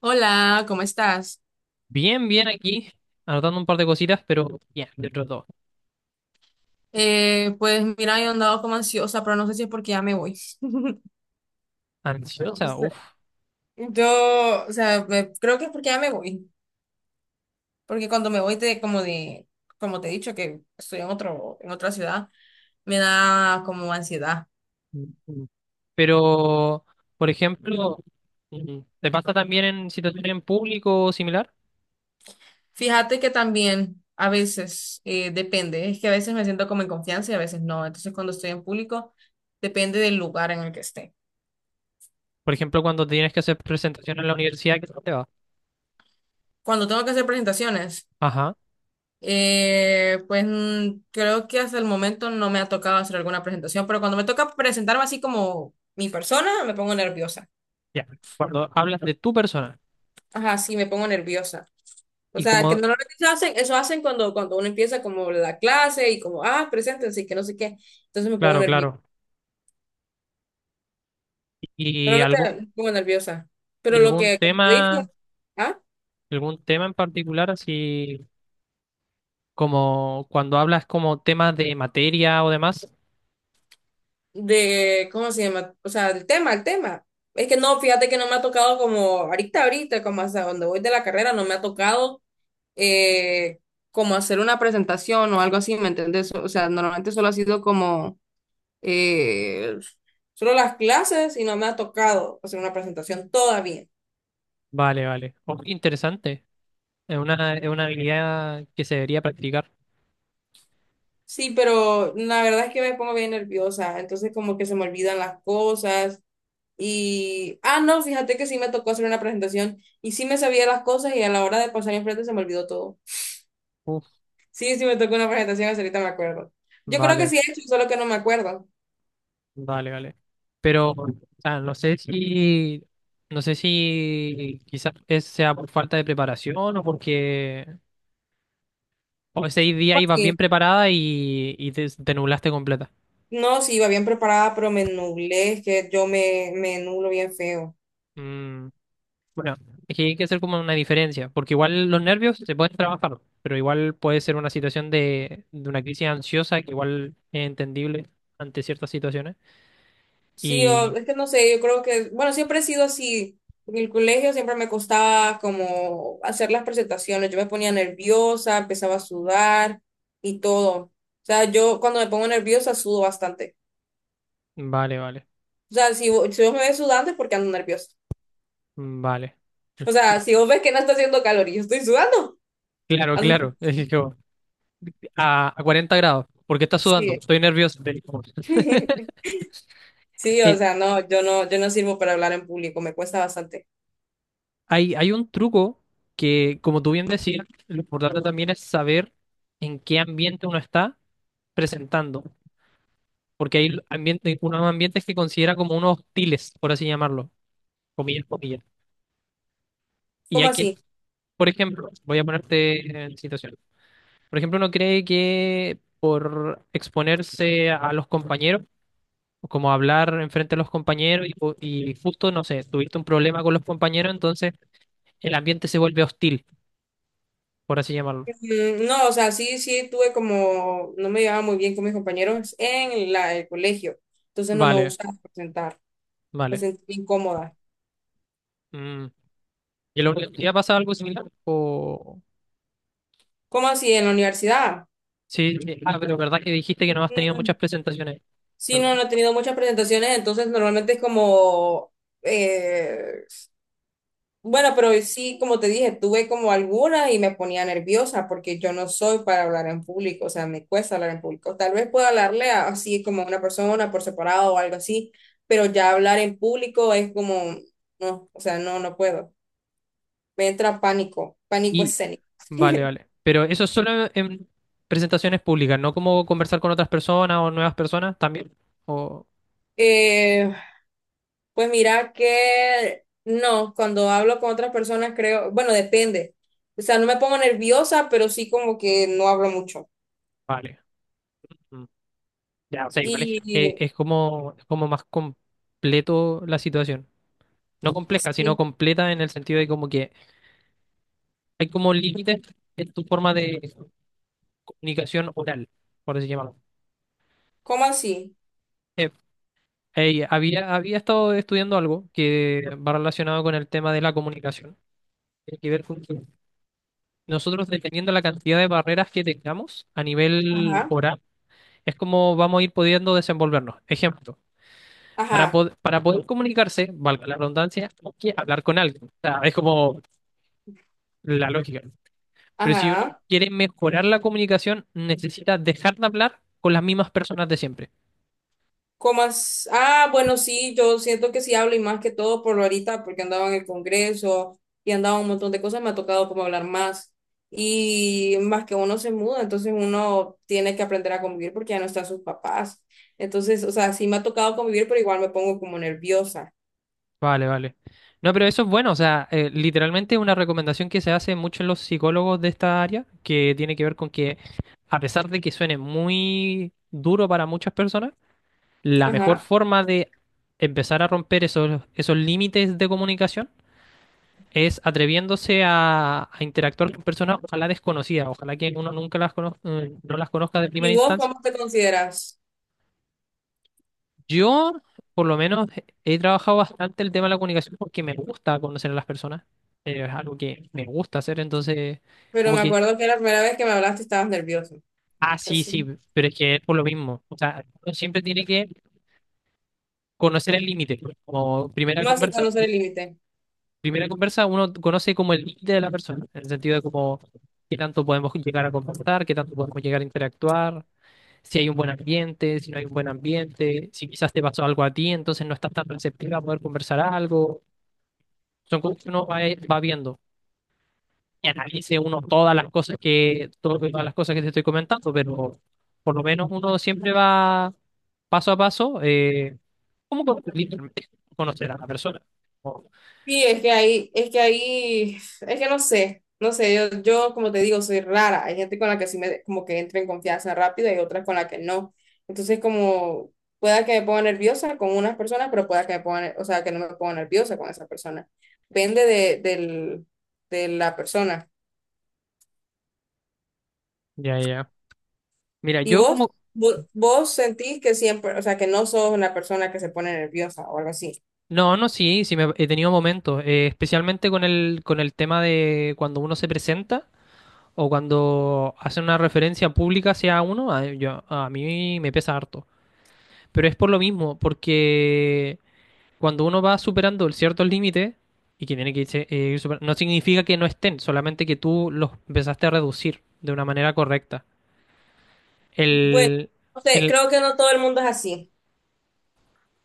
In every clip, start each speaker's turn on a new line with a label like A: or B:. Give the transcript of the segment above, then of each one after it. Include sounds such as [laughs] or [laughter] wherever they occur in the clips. A: Hola, ¿cómo estás?
B: Bien, bien aquí, anotando un par de cositas, pero bien, de otros dos.
A: Pues mira, yo andado como ansiosa, pero no sé si es porque ya me voy. [laughs] O
B: Ansiosa,
A: sea,
B: uff.
A: yo, o sea, creo que es porque ya me voy. Porque cuando me voy como te he dicho, que estoy en otra ciudad, me da como ansiedad.
B: Pero, por ejemplo, ¿te pasa también en situaciones en público o similar?
A: Fíjate que también a veces depende, es que a veces me siento como en confianza y a veces no. Entonces cuando estoy en público, depende del lugar en el que esté.
B: Por ejemplo, cuando tienes que hacer presentaciones en la universidad, ¿qué tal te va?
A: Cuando tengo que hacer presentaciones.
B: Ajá,
A: Creo que hasta el momento no me ha tocado hacer alguna presentación, pero cuando me toca presentarme así como mi persona, me pongo nerviosa.
B: ya. Cuando hablas de tu persona
A: Ajá, sí, me pongo nerviosa. O
B: y
A: sea, que
B: como,
A: normalmente eso hacen cuando uno empieza como la clase y como, ah, preséntense y que no sé qué. Entonces me pongo
B: claro,
A: nerviosa.
B: claro. Y
A: Normalmente
B: algún,
A: me pongo nerviosa. Pero
B: y
A: lo
B: algún
A: que, como te
B: tema,
A: dije, ¿ah?
B: algún tema en particular, así como cuando hablas como temas de materia o demás.
A: De, ¿cómo se llama? O sea, el tema, el tema. Es que no, fíjate que no me ha tocado como ahorita, como hasta donde voy de la carrera, no me ha tocado eh, como hacer una presentación o algo así, ¿me entendés? O sea, normalmente solo ha sido como eh, solo las clases y no me ha tocado hacer una presentación todavía.
B: Vale, vale. Oh, interesante. Es una habilidad que se debería practicar.
A: Sí, pero la verdad es que me pongo bien nerviosa, entonces como que se me olvidan las cosas y, ah, no, fíjate que sí me tocó hacer una presentación y sí me sabía las cosas y a la hora de pasar enfrente se me olvidó todo.
B: Uf,
A: Sí, sí me tocó una presentación, hasta ahorita me acuerdo. Yo creo que sí
B: vale,
A: he hecho, solo que no me acuerdo.
B: vale, vale. Pero, o sea, no sé si, no sé si quizás sea por falta de preparación o porque o ese día
A: ¿Cómo
B: ibas bien
A: así?
B: preparada y te nublaste completa.
A: No, sí, iba bien preparada, pero me nublé, es que yo me nublo bien feo.
B: Mm, bueno, es que hay que hacer como una diferencia, porque igual los nervios se pueden trabajar, pero igual puede ser una situación de una crisis ansiosa que igual es entendible ante ciertas situaciones.
A: Sí,
B: Y,
A: es que no sé, yo creo que, bueno, siempre he sido así. En el colegio siempre me costaba como hacer las presentaciones, yo me ponía nerviosa, empezaba a sudar y todo. O sea, yo cuando me pongo nerviosa sudo bastante.
B: vale, vale.
A: O sea, si vos me ves sudando es porque ando nerviosa.
B: Mm, vale.
A: O sea, si vos ves que no está haciendo calor y yo estoy sudando,
B: Claro,
A: ando...
B: claro. [laughs] Es que como, a 40 grados, porque está sudando,
A: Sí.
B: estoy nervioso.
A: [laughs] Sí, o
B: Eh,
A: sea, no, yo no sirvo para hablar en público, me cuesta bastante.
B: Hay, hay un truco que, como tú bien decías, lo importante también es saber en qué ambiente uno está presentando, porque hay ambiente, unos ambientes que considera como unos hostiles, por así llamarlo, comillas, comillas. Y
A: ¿Cómo
B: hay que,
A: así?
B: por ejemplo, voy a ponerte en situación. Por ejemplo, uno cree que por exponerse a los compañeros, o como hablar enfrente a los compañeros y, y justo, no sé, tuviste un problema con los compañeros, entonces el ambiente se vuelve hostil, por así llamarlo.
A: Mm, no, o sea, sí, sí tuve como, no me llevaba muy bien con mis compañeros en el colegio, entonces no me
B: Vale,
A: gustaba presentar, me
B: vale.
A: sentí incómoda.
B: Mm. ¿Y en la universidad pasa algo similar? O...
A: ¿Cómo así en la universidad?
B: Sí, sí. Ah, pero verdad que dijiste que no has tenido muchas
A: Mm,
B: presentaciones.
A: sí,
B: Perdón.
A: no he tenido muchas presentaciones, entonces normalmente es como, eh, bueno, pero sí, como te dije, tuve como algunas y me ponía nerviosa porque yo no soy para hablar en público, o sea, me cuesta hablar en público. Tal vez pueda así como a una persona por separado o algo así, pero ya hablar en público es como, no, o sea, no, no puedo. Me entra pánico, pánico
B: Y,
A: escénico. [laughs]
B: vale, vale. Pero eso es solo en presentaciones públicas, no como conversar con otras personas o nuevas personas también. O...
A: Eh, pues mira que no, cuando hablo con otras personas creo, bueno, depende. O sea, no me pongo nerviosa, pero sí como que no hablo mucho.
B: Vale. Mm. Ya, o sea, igual
A: Y
B: es como más completo la situación. No compleja, sino
A: sí,
B: completa en el sentido de como que hay como límites en tu forma de comunicación oral, por así llamarlo.
A: ¿cómo así?
B: Eh, había estado estudiando algo que va relacionado con el tema de la comunicación. Tiene que ver con que nosotros, dependiendo de la cantidad de barreras que tengamos a nivel
A: Ajá,
B: oral, es como vamos a ir pudiendo desenvolvernos. Ejemplo, para,
A: ajá,
B: para poder comunicarse, valga la redundancia, hay que hablar con alguien. O sea, es como la lógica. Pero si uno
A: ajá.
B: quiere mejorar la comunicación, necesita dejar de hablar con las mismas personas de siempre.
A: Ah, bueno, sí, yo siento que sí hablo y más que todo por lo ahorita, porque andaba en el Congreso y andaba un montón de cosas, me ha tocado como hablar más. Y más que uno se muda, entonces uno tiene que aprender a convivir porque ya no están sus papás. Entonces, o sea, sí me ha tocado convivir, pero igual me pongo como nerviosa.
B: Vale, vale. No, pero eso es bueno, o sea, literalmente es una recomendación que se hace mucho en los psicólogos de esta área, que tiene que ver con que a pesar de que suene muy duro para muchas personas, la mejor
A: Ajá.
B: forma de empezar a romper esos, esos límites de comunicación es atreviéndose a interactuar con personas, ojalá desconocidas, ojalá que uno nunca las no las conozca de primera
A: ¿Y vos
B: instancia.
A: cómo te consideras?
B: Yo, por lo menos, he trabajado bastante el tema de la comunicación porque me gusta conocer a las personas. Es algo que me gusta hacer, entonces,
A: Pero
B: como
A: me
B: que,
A: acuerdo que la primera vez que me hablaste estabas nerviosa.
B: ah, sí,
A: Así.
B: sí, pero es que es por lo mismo. O sea, uno siempre tiene que conocer el límite. Pues, como
A: Más sin conocer el límite.
B: primera conversa, uno conoce como el límite de la persona, en el sentido de como qué tanto podemos llegar a comportar, qué tanto podemos llegar a interactuar, si hay un buen ambiente, si no hay un buen ambiente, si quizás te pasó algo a ti, entonces no estás tan receptiva a poder conversar algo. Son cosas que uno va, va viendo. Y analice uno todas las cosas que, todas las cosas que te estoy comentando, pero por lo menos uno siempre va paso a paso, como literalmente conocer a la persona. Oh,
A: Sí, es que ahí, es que no sé, yo, yo como te digo, soy rara. Hay gente con la que sí me, como que entro en confianza rápido y otras con la que no. Entonces, como, pueda que me ponga nerviosa con unas personas, pero pueda que me ponga, o sea, que no me ponga nerviosa con esa persona. Depende del, de la persona.
B: ya, ya. Mira,
A: ¿Y
B: yo como...
A: vos sentís que siempre, o sea, que no sos una persona que se pone nerviosa o algo así?
B: No, no, sí, sí me, he tenido momentos, especialmente con el tema de cuando uno se presenta o cuando hace una referencia pública hacia uno, a, yo, a mí me pesa harto. Pero es por lo mismo, porque cuando uno va superando ciertos límites y que tiene que ir superando, no significa que no estén, solamente que tú los empezaste a reducir de una manera correcta.
A: Bueno,
B: El,
A: no sé,
B: el-
A: creo que no todo el mundo es así.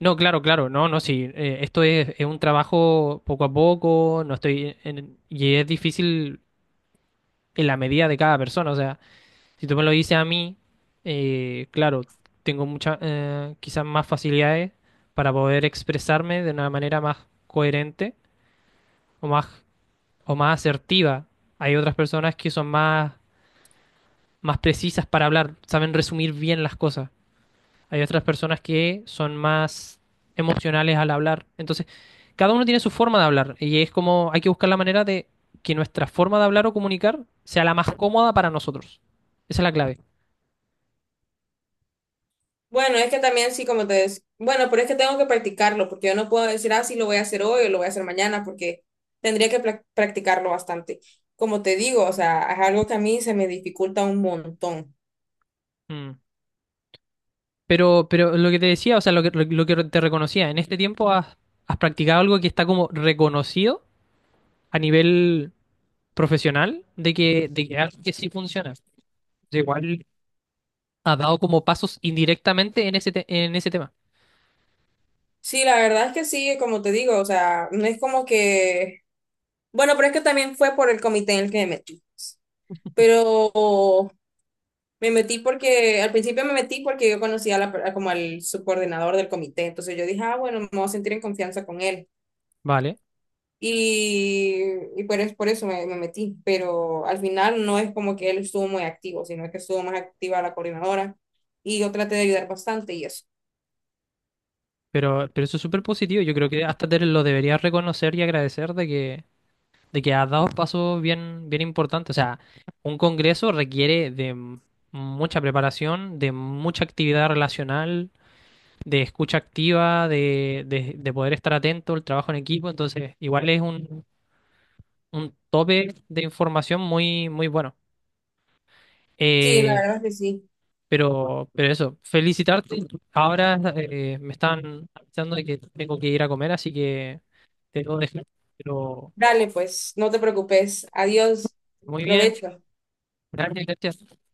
B: no, claro, claro, no, no, sí, esto es un trabajo poco a poco, no y es difícil en la medida de cada persona, o sea, si tú me lo dices a mí, claro, tengo muchas, quizás más facilidades para poder expresarme de una manera más coherente o más o más asertiva. Hay otras personas que son más, más precisas para hablar, saben resumir bien las cosas. Hay otras personas que son más emocionales al hablar. Entonces, cada uno tiene su forma de hablar y es como hay que buscar la manera de que nuestra forma de hablar o comunicar sea la más cómoda para nosotros. Esa es la clave.
A: Bueno, es que también sí, como te decía, bueno, pero es que tengo que practicarlo, porque yo no puedo decir, ah, sí, lo voy a hacer hoy o lo voy a hacer mañana, porque tendría que practicarlo bastante. Como te digo, o sea, es algo que a mí se me dificulta un montón.
B: Mm. Pero lo que te decía, o sea, lo que te reconocía, en este tiempo has, has practicado algo que está como reconocido a nivel profesional de que algo que sí funciona. Igual ha dado como pasos indirectamente en ese, en ese tema,
A: Sí, la verdad es que sí, como te digo, o sea, no es como que, bueno, pero es que también fue por el comité en el que me metí, pues. Pero me metí porque, al principio me metí porque yo conocía a como al subcoordinador del comité, entonces yo dije, ah, bueno, me voy a sentir en confianza con él.
B: ¿vale?
A: Y, y por, por eso me metí, pero al final no es como que él estuvo muy activo, sino que estuvo más activa la coordinadora y yo traté de ayudar bastante y eso.
B: Pero eso es súper positivo. Yo creo que hasta te lo deberías reconocer y agradecer de que has dado pasos bien, bien importantes. O sea, un congreso requiere de mucha preparación, de mucha actividad relacional, de escucha activa, de poder estar atento, el trabajo en equipo. Entonces, igual es un tope de información muy, muy bueno.
A: Sí, la
B: Eh,
A: verdad es que sí.
B: pero eso, felicitarte. Ahora me están avisando de que tengo que ir a comer, así que te debo dejar. Pero
A: Dale, pues, no te preocupes. Adiós.
B: muy bien,
A: Provecho.
B: gracias, gracias.